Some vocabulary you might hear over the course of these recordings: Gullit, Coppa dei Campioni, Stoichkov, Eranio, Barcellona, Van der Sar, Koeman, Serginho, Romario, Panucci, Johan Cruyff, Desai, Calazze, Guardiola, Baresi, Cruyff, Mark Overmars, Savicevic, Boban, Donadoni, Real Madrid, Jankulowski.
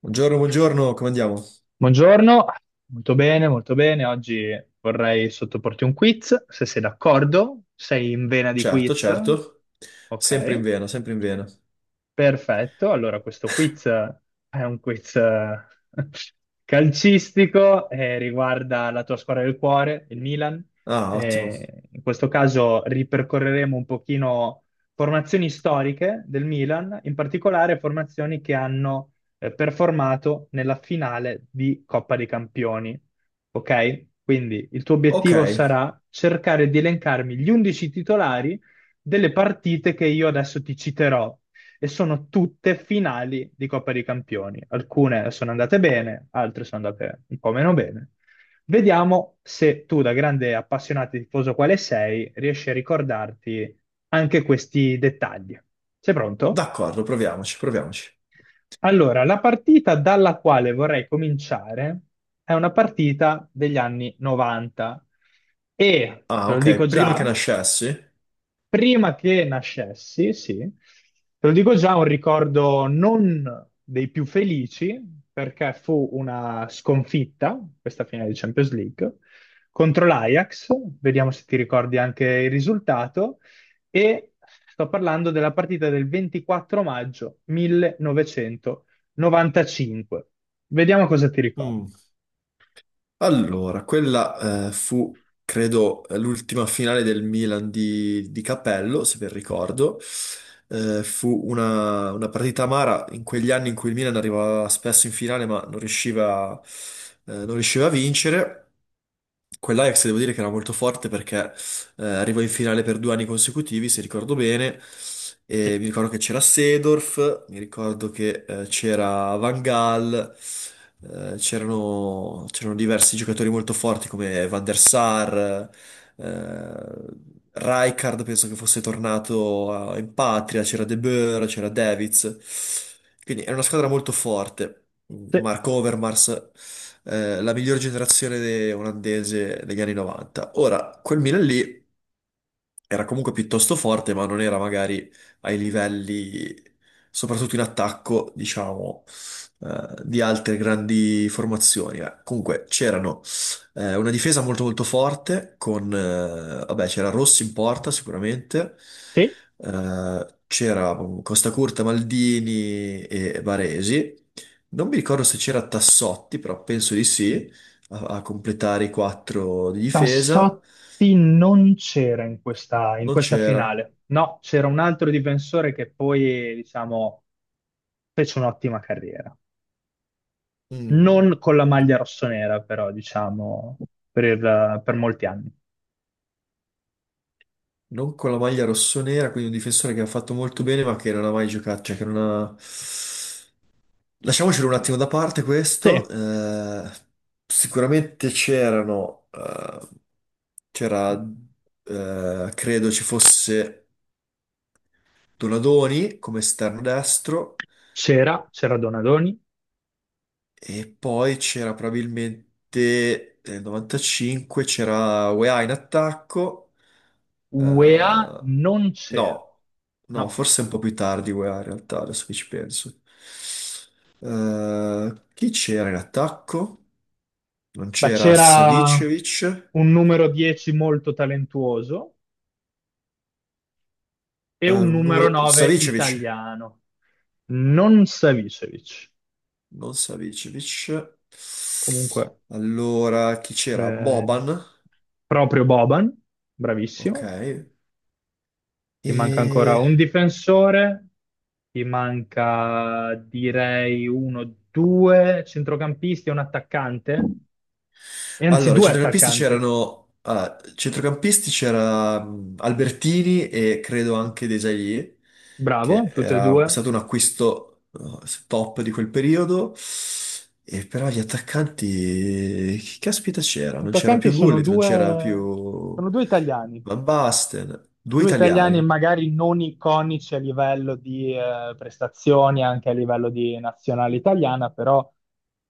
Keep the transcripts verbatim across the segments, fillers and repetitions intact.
Buongiorno, buongiorno, come andiamo? Buongiorno, molto bene, molto bene. Oggi vorrei sottoporti un quiz, se sei d'accordo. Sei in vena di Certo, quiz? certo, sempre in Ok. vena, sempre in vena. Perfetto, allora questo quiz è un quiz eh, calcistico e riguarda la tua squadra del cuore, il Milan. Ah, ottimo. Eh, in questo caso ripercorreremo un pochino formazioni storiche del Milan, in particolare formazioni che hanno eh, performato nella finale di Coppa dei Campioni. Ok? Quindi il tuo Ok, obiettivo sarà cercare di elencarmi gli undici titolari delle partite che io adesso ti citerò e sono tutte finali di Coppa dei Campioni. Alcune sono andate bene, altre sono andate un po' meno bene. Vediamo se tu, da grande appassionato e tifoso quale sei, riesci a ricordarti anche questi dettagli. Sei pronto? d'accordo, proviamoci, proviamoci. Allora, la partita dalla quale vorrei cominciare è una partita degli anni novanta e, Ah, te lo ok, dico prima che già, nascessi. prima che nascessi, sì, te lo dico già, un ricordo non dei più felici, perché fu una sconfitta, questa finale di Champions League, contro l'Ajax. Vediamo se ti ricordi anche il risultato, e sto parlando della partita del ventiquattro maggio millenovecentonovantacinque. Vediamo cosa ti ricordi. Mm. Allora, quella eh, fu, credo, l'ultima finale del Milan di, di Cappello, se ben ricordo. Eh, fu una, una partita amara in quegli anni in cui il Milan arrivava spesso in finale, ma non riusciva, eh, non riusciva a vincere. Quell'Ajax devo dire che era molto forte, perché eh, arrivò in finale per due anni consecutivi, se ricordo bene. E Sì. mi ricordo che c'era Seedorf, mi ricordo che eh, c'era Van Gaal, eh, c'erano c'erano diversi giocatori molto forti come Van der Sar. eh, Rijkaard penso che fosse tornato eh, in patria, c'era De Boer, c'era Davids. Quindi era una squadra molto forte. Mark Overmars, eh, la miglior generazione de- olandese degli anni novanta. Ora, quel Milan lì quindi era comunque piuttosto forte, ma non era magari ai livelli, soprattutto in attacco, diciamo, eh, di altre grandi formazioni. eh. Comunque c'erano eh, una difesa molto molto forte con, eh, vabbè, c'era Rossi in porta sicuramente. Sì, eh, C'era Costa Curta, Maldini e Baresi. Non mi ricordo se c'era Tassotti, però penso di sì, a, a completare i quattro di difesa. Tassotti non c'era in questa, in Non questa c'era. finale, no, c'era un altro difensore che poi, diciamo, fece un'ottima carriera. Mm. Non con la maglia rossonera, però, diciamo, per, il- per molti anni. Non con la maglia rossonera, quindi un difensore che ha fatto molto bene, ma che non ha mai giocato, cioè che non ha... Lasciamocelo un attimo da parte Sì, questo. Eh, sicuramente c'erano... eh, c'era... eh, credo ci fosse Donadoni come esterno destro, c'era, c'era Donadoni. e poi c'era probabilmente nel novantacinque c'era Weah in attacco. Eh, UEA non c'era, no, no, no, forse un po' più tardi UEA in realtà, adesso che ci penso. Eh, chi c'era in attacco? Non ma c'era c'era Savicevic. un numero dieci molto talentuoso e Eh, un numero Nur- nove Savicevic, italiano, non Savicevic. non Savicevic. Comunque, Allora, chi c'era? eh, Boban, proprio Boban, ok. bravissimo. Ti manca ancora E... un difensore, ti manca direi uno, due centrocampisti e un attaccante, e anzi Allora, i due centrocampisti attaccanti. c'erano... ah, centrocampisti c'era mh, Albertini e credo anche Desailly, che Bravo, tutte e era due. stato un acquisto eh, top di quel periodo. E però gli attaccanti... Chi caspita c'era? Non c'era Attaccanti più sono Gullit, non c'era due, più sono due italiani. Van Basten. Due Due italiani italiani. magari non iconici a livello di eh, prestazioni, anche a livello di nazionale italiana, però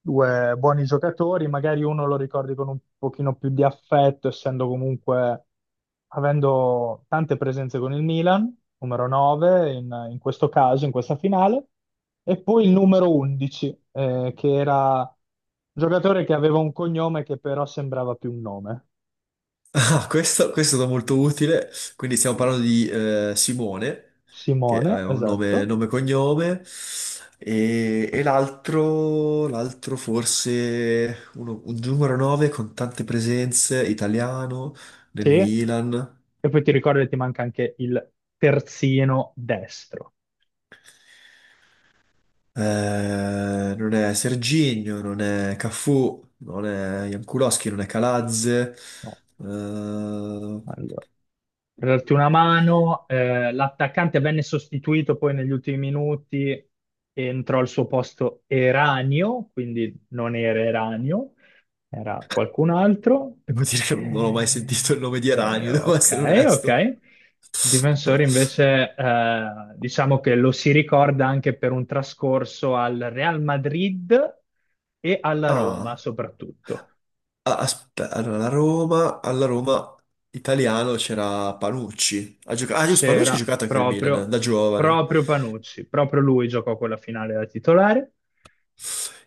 due buoni giocatori, magari uno lo ricordi con un pochino più di affetto, essendo comunque, avendo tante presenze con il Milan, numero nove in, in questo caso, in questa finale, e poi il numero undici, eh, che era un giocatore che aveva un cognome che però sembrava più un nome, Ah, questo, questo è stato molto utile. Quindi stiamo parlando di eh, Simone, che Simone, aveva un nome, esatto. nome e cognome, e, e l'altro, l'altro forse uno- un numero nove con tante presenze, italiano, nel Sì. Milan. E poi ti ricordo che ti manca anche il terzino destro. Eh, non è Serginho, non è Cafu, non è Jankulowski, non è Calazze. No, eh, allora, per darti una mano, eh, l'attaccante venne sostituito poi negli ultimi minuti e entrò al suo posto Eranio, quindi non era Eranio, era qualcun altro. Devo dire che non ho mai Eh, sentito il nome di eh, Eranio, devo ok, essere ok. onesto. Il difensore invece, eh, diciamo che lo si ricorda anche per un trascorso al Real Madrid e alla Roma Ah, soprattutto. aspetta, allora, la Roma, alla Roma italiano c'era Panucci. Ha gioca- ah, giusto, Panucci ha C'era giocato anche il Milan, proprio, da giovane. proprio Panucci, proprio lui giocò quella finale da titolare.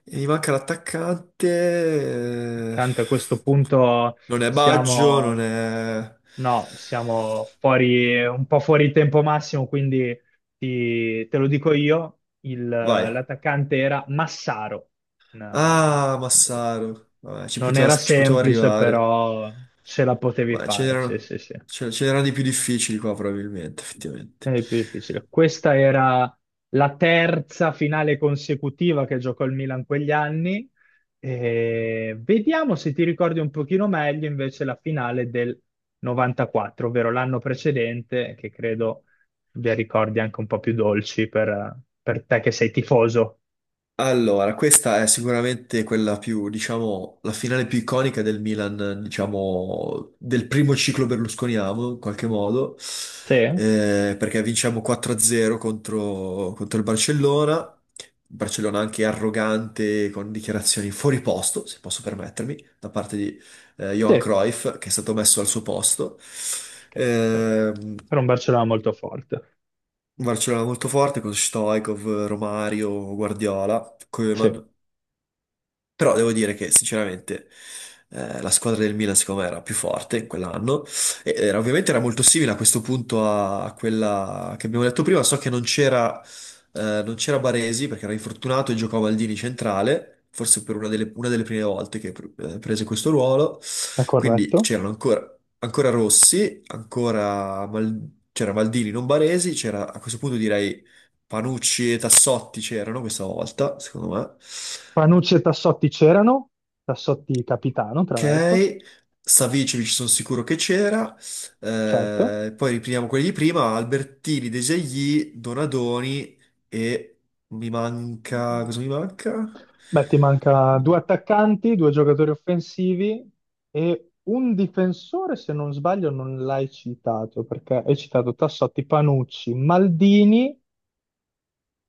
E mi manca l'attaccante. eh, Accanto a questo punto Non è Baggio, non siamo, è... no, siamo fuori, un po' fuori tempo massimo, quindi ti- te lo dico io, il- Vai. l'attaccante era Massaro. Una- Ah, Massaro. Vabbè, ci Non poteva, era ci potevo semplice, arrivare. però ce la potevi Ma ce fare, sì, n'erano sì, sì. ce- ce n'erano di più difficili qua, probabilmente, È effettivamente. il più difficile. Questa era la terza finale consecutiva che giocò il Milan quegli anni. E vediamo se ti ricordi un pochino meglio invece la finale del novantaquattro, ovvero l'anno precedente, che credo abbia ricordi anche un po' più dolci per, per te che sei tifoso. Allora, questa è sicuramente quella più, diciamo, la finale più iconica del Milan, diciamo, del primo ciclo berlusconiano, in qualche modo, Sì? eh, perché vinciamo quattro a zero contro, contro il Barcellona. Barcellona anche arrogante, con dichiarazioni fuori posto, se posso permettermi, da parte di eh, Johan Sì, Cruyff, che è stato messo al suo posto. perché Ehm era un Barcellona molto forte. Barcellona molto forte con Stoichkov, Romario, Guardiola, Sì, è Koeman. Però devo dire che sinceramente eh, la squadra del Milan secondo me era più forte in quell'anno, e eh, era- ovviamente era molto simile a questo punto a, a quella che abbiamo detto prima. So che non c'era eh, non c'era Baresi perché era infortunato e giocò Maldini centrale, forse per una delle, una delle prime volte che pr- eh, prese questo ruolo. Quindi corretto. c'erano ancora, ancora Rossi, ancora Mal- c'era Maldini, non Baresi, c'era a questo punto direi Panucci, e Tassotti c'erano questa volta, secondo me. Panucci e Tassotti c'erano, Tassotti capitano, tra l'altro, Ok, Savicevic sono sicuro che c'era. certo. Eh, poi riprendiamo quelli di prima, Albertini, Desegni, Donadoni, e mi manca... cosa mi manca? Beh, ti manca due attaccanti, due giocatori offensivi e un difensore, se non sbaglio, non l'hai citato, perché hai citato Tassotti, Panucci, Maldini,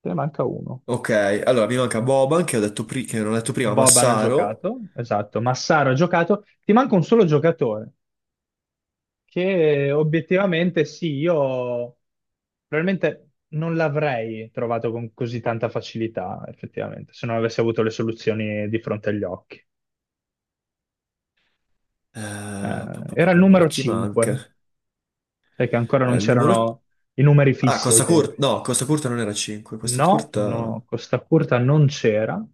te ne manca uno. Ok, allora mi manca Boban, che ho detto pri- che non ho detto prima, Boban ha Massaro. giocato, esatto, Massaro ha giocato, ti manca un solo giocatore, che obiettivamente sì, io probabilmente non l'avrei trovato con così tanta facilità, effettivamente, se non avessi avuto le soluzioni di fronte agli occhi. Eh, pa- Eh, pa- pa- era il pa- pa- numero Chi manca? cinque, perché ancora non Allora, il numero... c'erano i numeri Ah, fissi ai Costa tempi. Curta, no, Costa Curta non era cinque, Costa No, Curta... no, Costa Curta non c'era.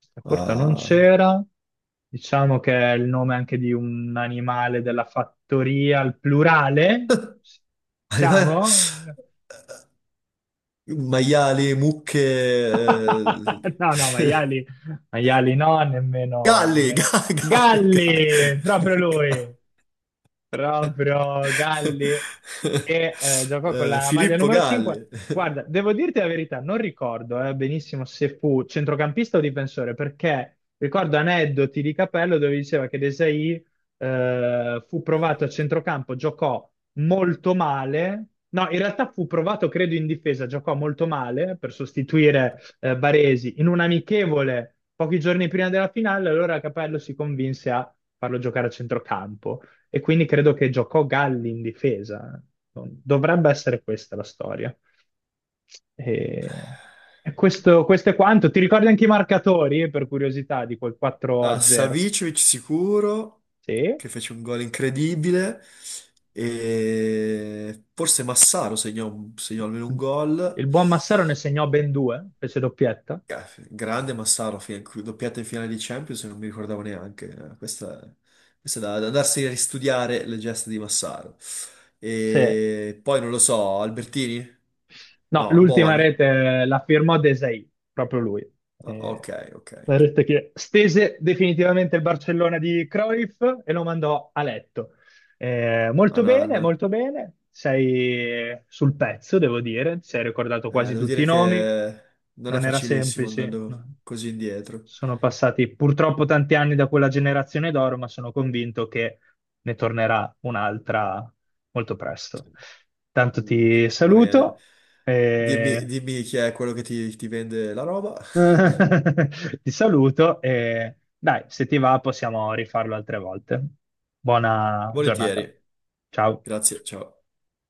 Costa Curta non ah, c'era. Diciamo che è il nome anche di un animale della fattoria al plurale. Siamo? Maiali, mucche... No, no, eh, maiali, maiali no, nemmeno, Galli, nemmeno. ga- Galli, Galli, proprio Galli, Galli. lui. Proprio Galli che eh, giocò con Eh, la maglia Filippo numero cinque. Galli. Guarda, devo dirti la verità, non ricordo eh, benissimo se fu centrocampista o difensore, perché ricordo aneddoti di Capello dove diceva che Desai eh, fu provato a centrocampo, giocò molto male. No, in realtà fu provato, credo, in difesa, giocò molto male per sostituire eh, Baresi in un amichevole pochi giorni prima della finale, allora Capello si convinse a farlo giocare a centrocampo. E quindi credo che giocò Galli in difesa. Dovrebbe essere questa la storia. E, e questo, questo è quanto. Ti ricordi anche i marcatori, per curiosità, di quel 4 Ah, a 0? Savicevic sicuro, Sì. che fece un gol incredibile. E forse Massaro segnò, un- segnò almeno un gol. Il buon Massaro ne segnò ben due, fece doppietta. Eh, Grande Massaro, fi- doppiata in finale di Champions, non mi ricordavo neanche. Eh, Questa, questa è da, da andarsi a ristudiare le gesta di Massaro. Sì. E poi non lo so, Albertini? No, No, l'ultima Bovan? rete la firmò Desai, proprio lui. Ah, Eh, ok, ok. la rete che stese definitivamente il Barcellona di Cruyff e lo mandò a letto. Eh, molto bene, Anan. molto bene. Sei sul pezzo, devo dire. Ti sei ricordato Eh, quasi Devo tutti i dire nomi. che non è Non era facilissimo semplice. andando No. così indietro. Sono passati purtroppo tanti anni da quella generazione d'oro, ma sono convinto che ne tornerà un'altra molto presto. Tanto Mm, ti va bene. saluto, Dimmi, e... dimmi chi è quello che ti ti vende la roba. ti saluto e dai, se ti va possiamo rifarlo altre volte. Buona Volentieri. giornata. Ciao. Grazie, ciao.